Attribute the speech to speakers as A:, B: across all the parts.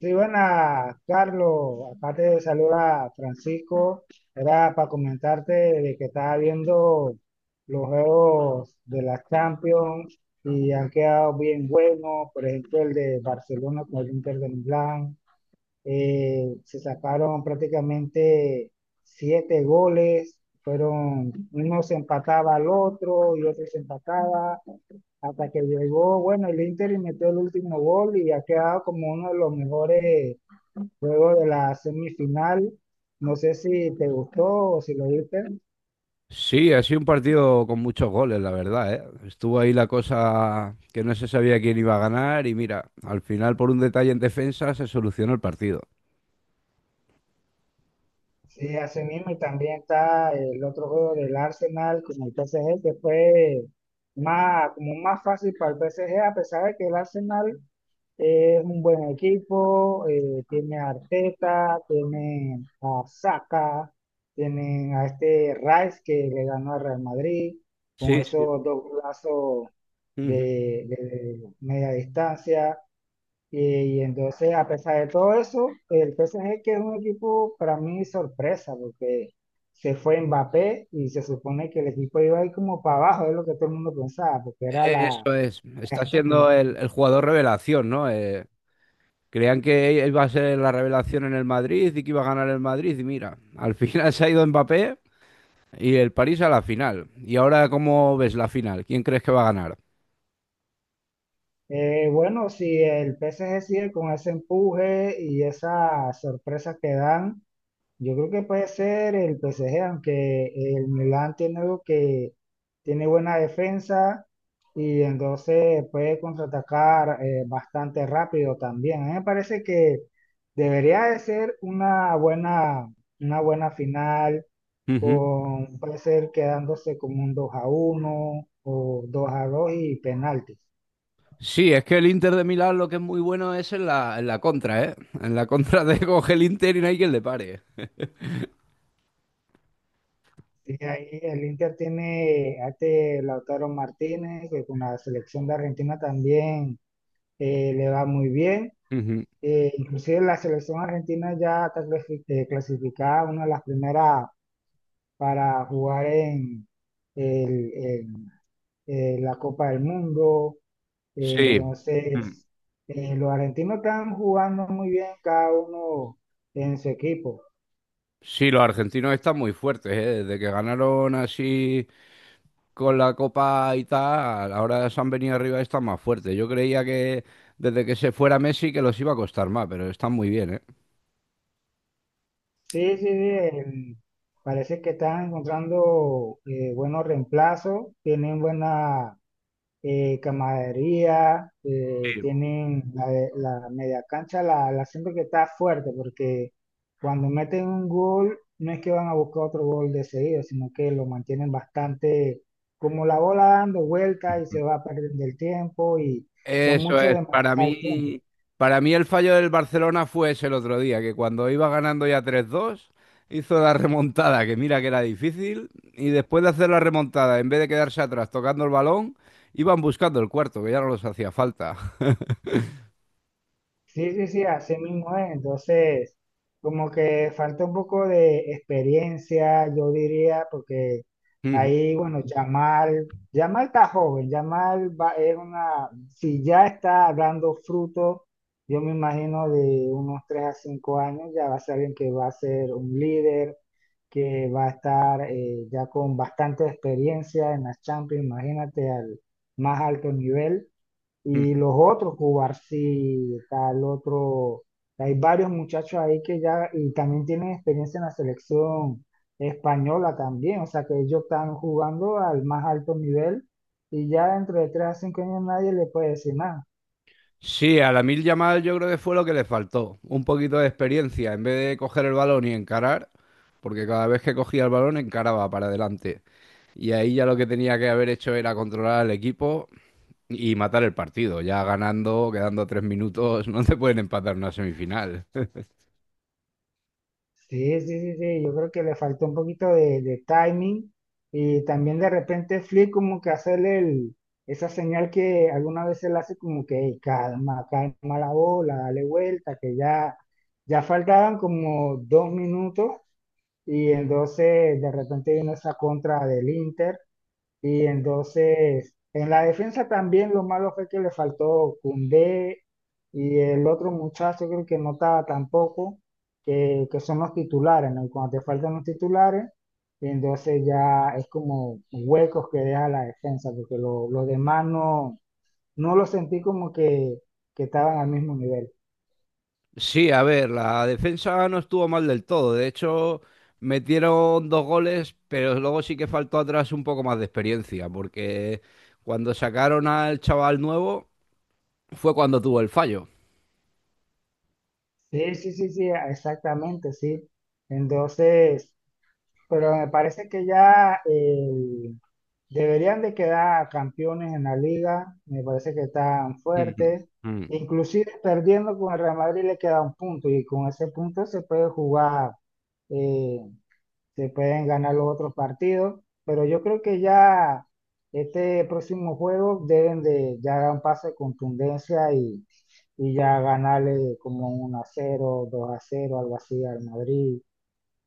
A: Sí, buenas, Carlos. Acá te saluda Francisco. Era para comentarte de que estaba viendo los juegos de la Champions y han quedado bien buenos. Por ejemplo, el de Barcelona con el Inter de Milán. Se sacaron prácticamente siete goles. Fueron, uno se empataba al otro y otro se empataba hasta que llegó, bueno, el Inter y metió el último gol y ha quedado como uno de los mejores. Luego de la semifinal, no sé si te gustó o si lo viste.
B: Sí, ha sido un partido con muchos goles, la verdad, ¿eh? Estuvo ahí la cosa que no se sabía quién iba a ganar y mira, al final por un detalle en defensa se solucionó el partido.
A: Sí, así mismo. Y también está el otro juego del Arsenal con el PSG, que fue más, como más fácil para el PSG, a pesar de que el Arsenal es un buen equipo, tiene a Arteta, tiene a Saka, tienen a este Rice que le ganó al Real Madrid con
B: Sí, sí.
A: esos dos golazos
B: Ujú.
A: de media distancia. Y, y entonces, a pesar de todo eso, el PSG, que es un equipo para mí sorpresa, porque se fue Mbappé y se supone que el equipo iba a ir como para abajo, es lo que todo el mundo pensaba, porque era
B: Eso es.
A: la
B: Está siendo
A: estrella.
B: el jugador revelación, ¿no? Creían que iba a ser la revelación en el Madrid y que iba a ganar el Madrid y mira, al final se ha ido Mbappé y el París a la final. Y ahora, ¿cómo ves la final? ¿Quién crees que va a ganar?
A: Bueno, si el PSG sigue con ese empuje y esas sorpresas que dan, yo creo que puede ser el PSG, aunque el Milan tiene algo que tiene buena defensa y entonces puede contraatacar bastante rápido también. A mí me parece que debería de ser una buena final con, puede ser quedándose como un 2 a uno o 2 a 2 y penaltis.
B: Sí, es que el Inter de Milán lo que es muy bueno es en la contra, ¿eh? En la contra de coge el Inter y no hay quien le pare.
A: Y ahí el Inter tiene a este Lautaro Martínez, que con la selección de Argentina también le va muy bien.
B: Ujú.
A: Inclusive la selección argentina ya está clasificada, una de las primeras para jugar en en, la Copa del Mundo. Eh,
B: Sí. Mm.
A: entonces, eh, los argentinos están jugando muy bien cada uno en su equipo.
B: Sí, los argentinos están muy fuertes, ¿eh? Desde que ganaron así con la Copa y tal, ahora se han venido arriba y están más fuertes. Yo creía que desde que se fuera Messi que los iba a costar más, pero están muy bien,
A: Sí, sí, sí, parece que están encontrando buenos reemplazos, tienen buena, camaradería, tienen la media cancha, la siento que está fuerte porque cuando meten un gol no es que van a buscar otro gol de seguido, sino que lo mantienen bastante como la bola dando vueltas y
B: ¿eh?
A: se va perdiendo el tiempo y son
B: Eso
A: muchos
B: es,
A: de
B: para
A: manejar el tiempo.
B: mí, para mí el fallo del Barcelona fue ese el otro día, que cuando iba ganando ya 3-2 hizo la remontada, que mira que era difícil, y después de hacer la remontada, en vez de quedarse atrás tocando el balón, iban buscando el cuarto, que ya no los hacía falta.
A: Sí, sí, sí, así mismo es. Entonces, como que falta un poco de experiencia, yo diría, porque ahí, bueno, Yamal, Yamal está joven, Yamal va, es una, si ya está dando fruto, yo me imagino de unos 3 a 5 años, ya va a ser alguien que va a ser un líder, que va a estar ya con bastante experiencia en las Champions, imagínate al más alto nivel. Y los otros, Cubarsí, tal otro, hay varios muchachos ahí que ya, y también tienen experiencia en la selección española también, o sea que ellos están jugando al más alto nivel y ya dentro de tres a cinco años nadie le puede decir nada.
B: Sí, a la mil Yamal yo creo que fue lo que le faltó, un poquito de experiencia, en vez de coger el balón y encarar, porque cada vez que cogía el balón encaraba para adelante. Y ahí ya lo que tenía que haber hecho era controlar al equipo y matar el partido, ya ganando, quedando 3 minutos, no te pueden empatar una semifinal.
A: Sí, sí, sí, sí, yo creo que le faltó un poquito de timing y también de repente Flick como que hacerle el, esa señal que alguna vez él hace como que "Ey, calma, calma la bola, dale vuelta, que ya, ya faltaban como dos minutos y entonces de repente vino esa contra del Inter y entonces, en la defensa también lo malo fue que le faltó Koundé y el otro muchacho creo que no estaba tampoco, que son los titulares, ¿no? Y cuando te faltan los titulares, entonces ya es como huecos que deja la defensa, porque los demás no, no lo sentí como que estaban al mismo nivel.
B: Sí, a ver, la defensa no estuvo mal del todo. De hecho, metieron dos goles, pero luego sí que faltó atrás un poco más de experiencia, porque cuando sacaron al chaval nuevo fue cuando tuvo el fallo.
A: Sí, sí, sí, sí, exactamente, sí. Entonces, pero me parece que ya deberían de quedar campeones en la liga, me parece que están
B: Ujú.
A: fuertes.
B: Mm.
A: Inclusive perdiendo con el Real Madrid le queda un punto y con ese punto se puede jugar, eh, se pueden ganar los otros partidos, pero yo creo que ya este próximo juego deben de ya dar un paso de contundencia y ya ganarle como un a cero, dos a cero, algo así al Madrid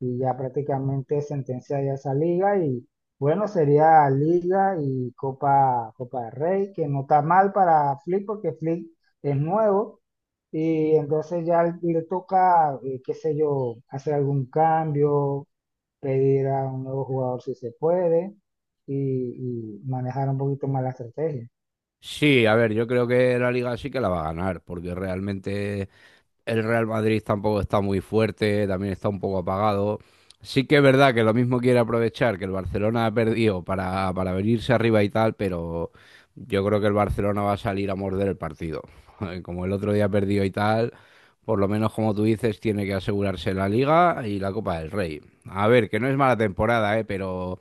A: y ya prácticamente sentencia ya esa liga y bueno, sería Liga y Copa, Copa del Rey, que no está mal para Flick porque Flick es nuevo y entonces ya le toca, qué sé yo, hacer algún cambio, pedir a un nuevo jugador si se puede y manejar un poquito más la estrategia.
B: Sí, a ver, yo creo que la liga sí que la va a ganar, porque realmente el Real Madrid tampoco está muy fuerte, también está un poco apagado. Sí que es verdad que lo mismo quiere aprovechar que el Barcelona ha perdido para venirse arriba y tal, pero yo creo que el Barcelona va a salir a morder el partido. Como el otro día perdió y tal, por lo menos como tú dices, tiene que asegurarse la Liga y la Copa del Rey. A ver, que no es mala temporada, ¿eh? Pero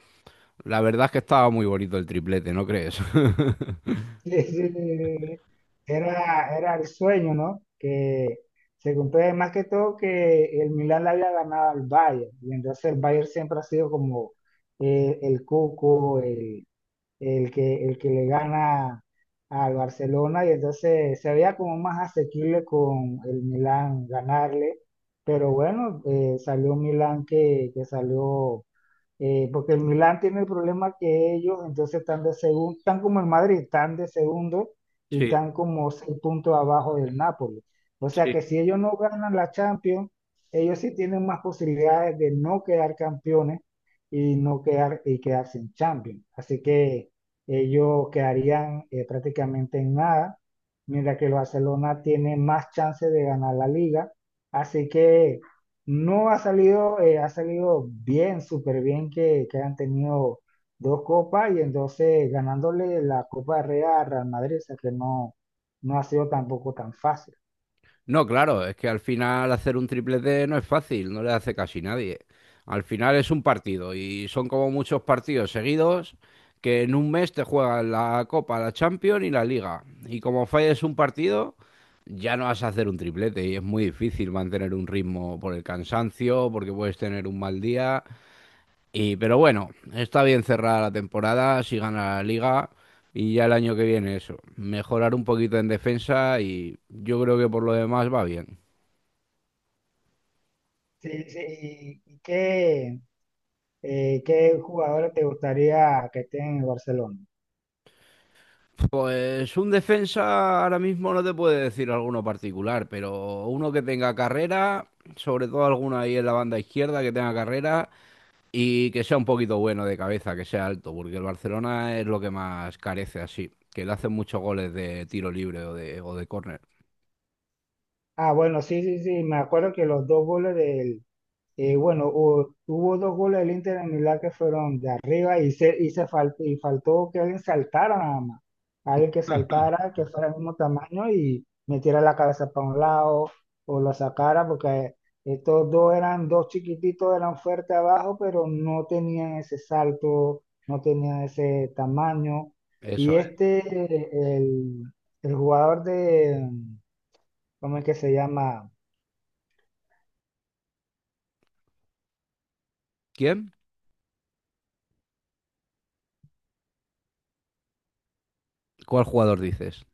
B: la verdad es que estaba muy bonito el triplete, ¿no crees?
A: Sí, sí, era, era el sueño, ¿no? Que se cumple más que todo que el Milan le había ganado al Bayern, y entonces el Bayern siempre ha sido como el cuco, el, el que le gana al Barcelona, y entonces se veía como más asequible con el Milan ganarle, pero bueno, salió un Milan que salió, porque el Milán tiene el problema que ellos entonces están de segundo, están como el Madrid, están de segundo y
B: Sí,
A: están como seis puntos abajo del Napoli. O sea
B: sí.
A: que si ellos no ganan la Champions, ellos sí tienen más posibilidades de no quedar campeones y no quedar y quedarse en Champions. Así que ellos quedarían, prácticamente en nada, mientras que el Barcelona tiene más chance de ganar la liga. Así que no ha salido, ha salido bien, súper bien que han tenido dos copas y entonces ganándole la Copa de Rey a Real Madrid, o sea que no, no ha sido tampoco tan fácil.
B: No, claro, es que al final hacer un triplete no es fácil, no le hace casi nadie. Al final es un partido y son como muchos partidos seguidos que en un mes te juegan la Copa, la Champions y la Liga. Y como falles un partido, ya no vas a hacer un triplete y es muy difícil mantener un ritmo por el cansancio, porque puedes tener un mal día. Pero bueno, está bien cerrada la temporada, si gana la Liga. Y ya el año que viene eso, mejorar un poquito en defensa y yo creo que por lo demás va bien.
A: Sí, sí, ¿y qué, qué jugadores te gustaría que estén en el Barcelona?
B: Pues un defensa ahora mismo no te puede decir alguno particular, pero uno que tenga carrera, sobre todo alguno ahí en la banda izquierda que tenga carrera y que sea un poquito bueno de cabeza, que sea alto, porque el Barcelona es lo que más carece así, que le hacen muchos goles de tiro libre o de córner.
A: Ah, bueno, sí, sí, sí, me acuerdo que los dos goles del, eh, bueno, hubo dos goles del Inter en Milán que fueron de arriba y, se, y, y faltó que alguien saltara nada más. Alguien que saltara, que fuera del mismo tamaño y metiera la cabeza para un lado o lo sacara, porque estos dos eran dos chiquititos, eran fuertes abajo, pero no tenían ese salto, no tenían ese tamaño. Y
B: Eso es.
A: este, el, el jugador de, ¿cómo es que se llama?
B: ¿Quién? ¿Cuál jugador dices?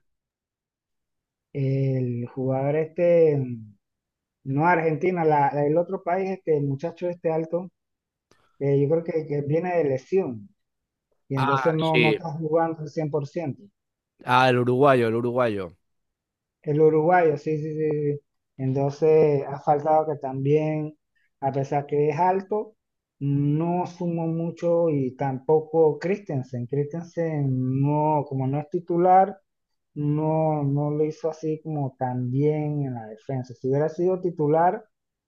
A: El jugador este. No, Argentina, el otro país, este, el muchacho este alto, yo creo que viene de lesión y
B: Ah,
A: entonces no, no
B: sí.
A: está jugando al 100%.
B: Ah, el uruguayo, el uruguayo.
A: El uruguayo, sí, sí, sí. Sí. Entonces, ha faltado que también, a pesar que es alto, no sumó mucho y tampoco Christensen. Christensen no, como no es titular, no, no lo hizo así como tan bien en la defensa. Si hubiera sido titular,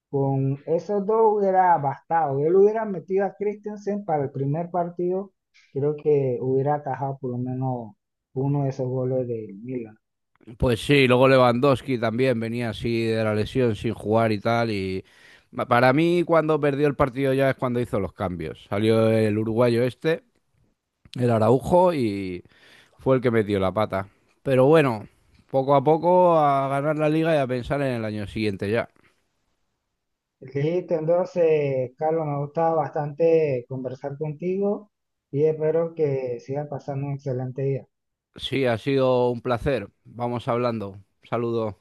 A: con esos dos hubiera bastado. Él hubiera metido a Christensen para el primer partido, creo que hubiera atajado por lo menos uno de esos goles del Milan.
B: Pues sí, luego Lewandowski también venía así de la lesión sin jugar y tal. Y para mí, cuando perdió el partido ya es cuando hizo los cambios. Salió el uruguayo este, el Araujo, y fue el que metió la pata. Pero bueno, poco a poco a ganar la liga y a pensar en el año siguiente ya.
A: Listo, entonces, Carlos, me ha gustado bastante conversar contigo y espero que sigas pasando un excelente día.
B: Sí, ha sido un placer. Vamos hablando. Saludos.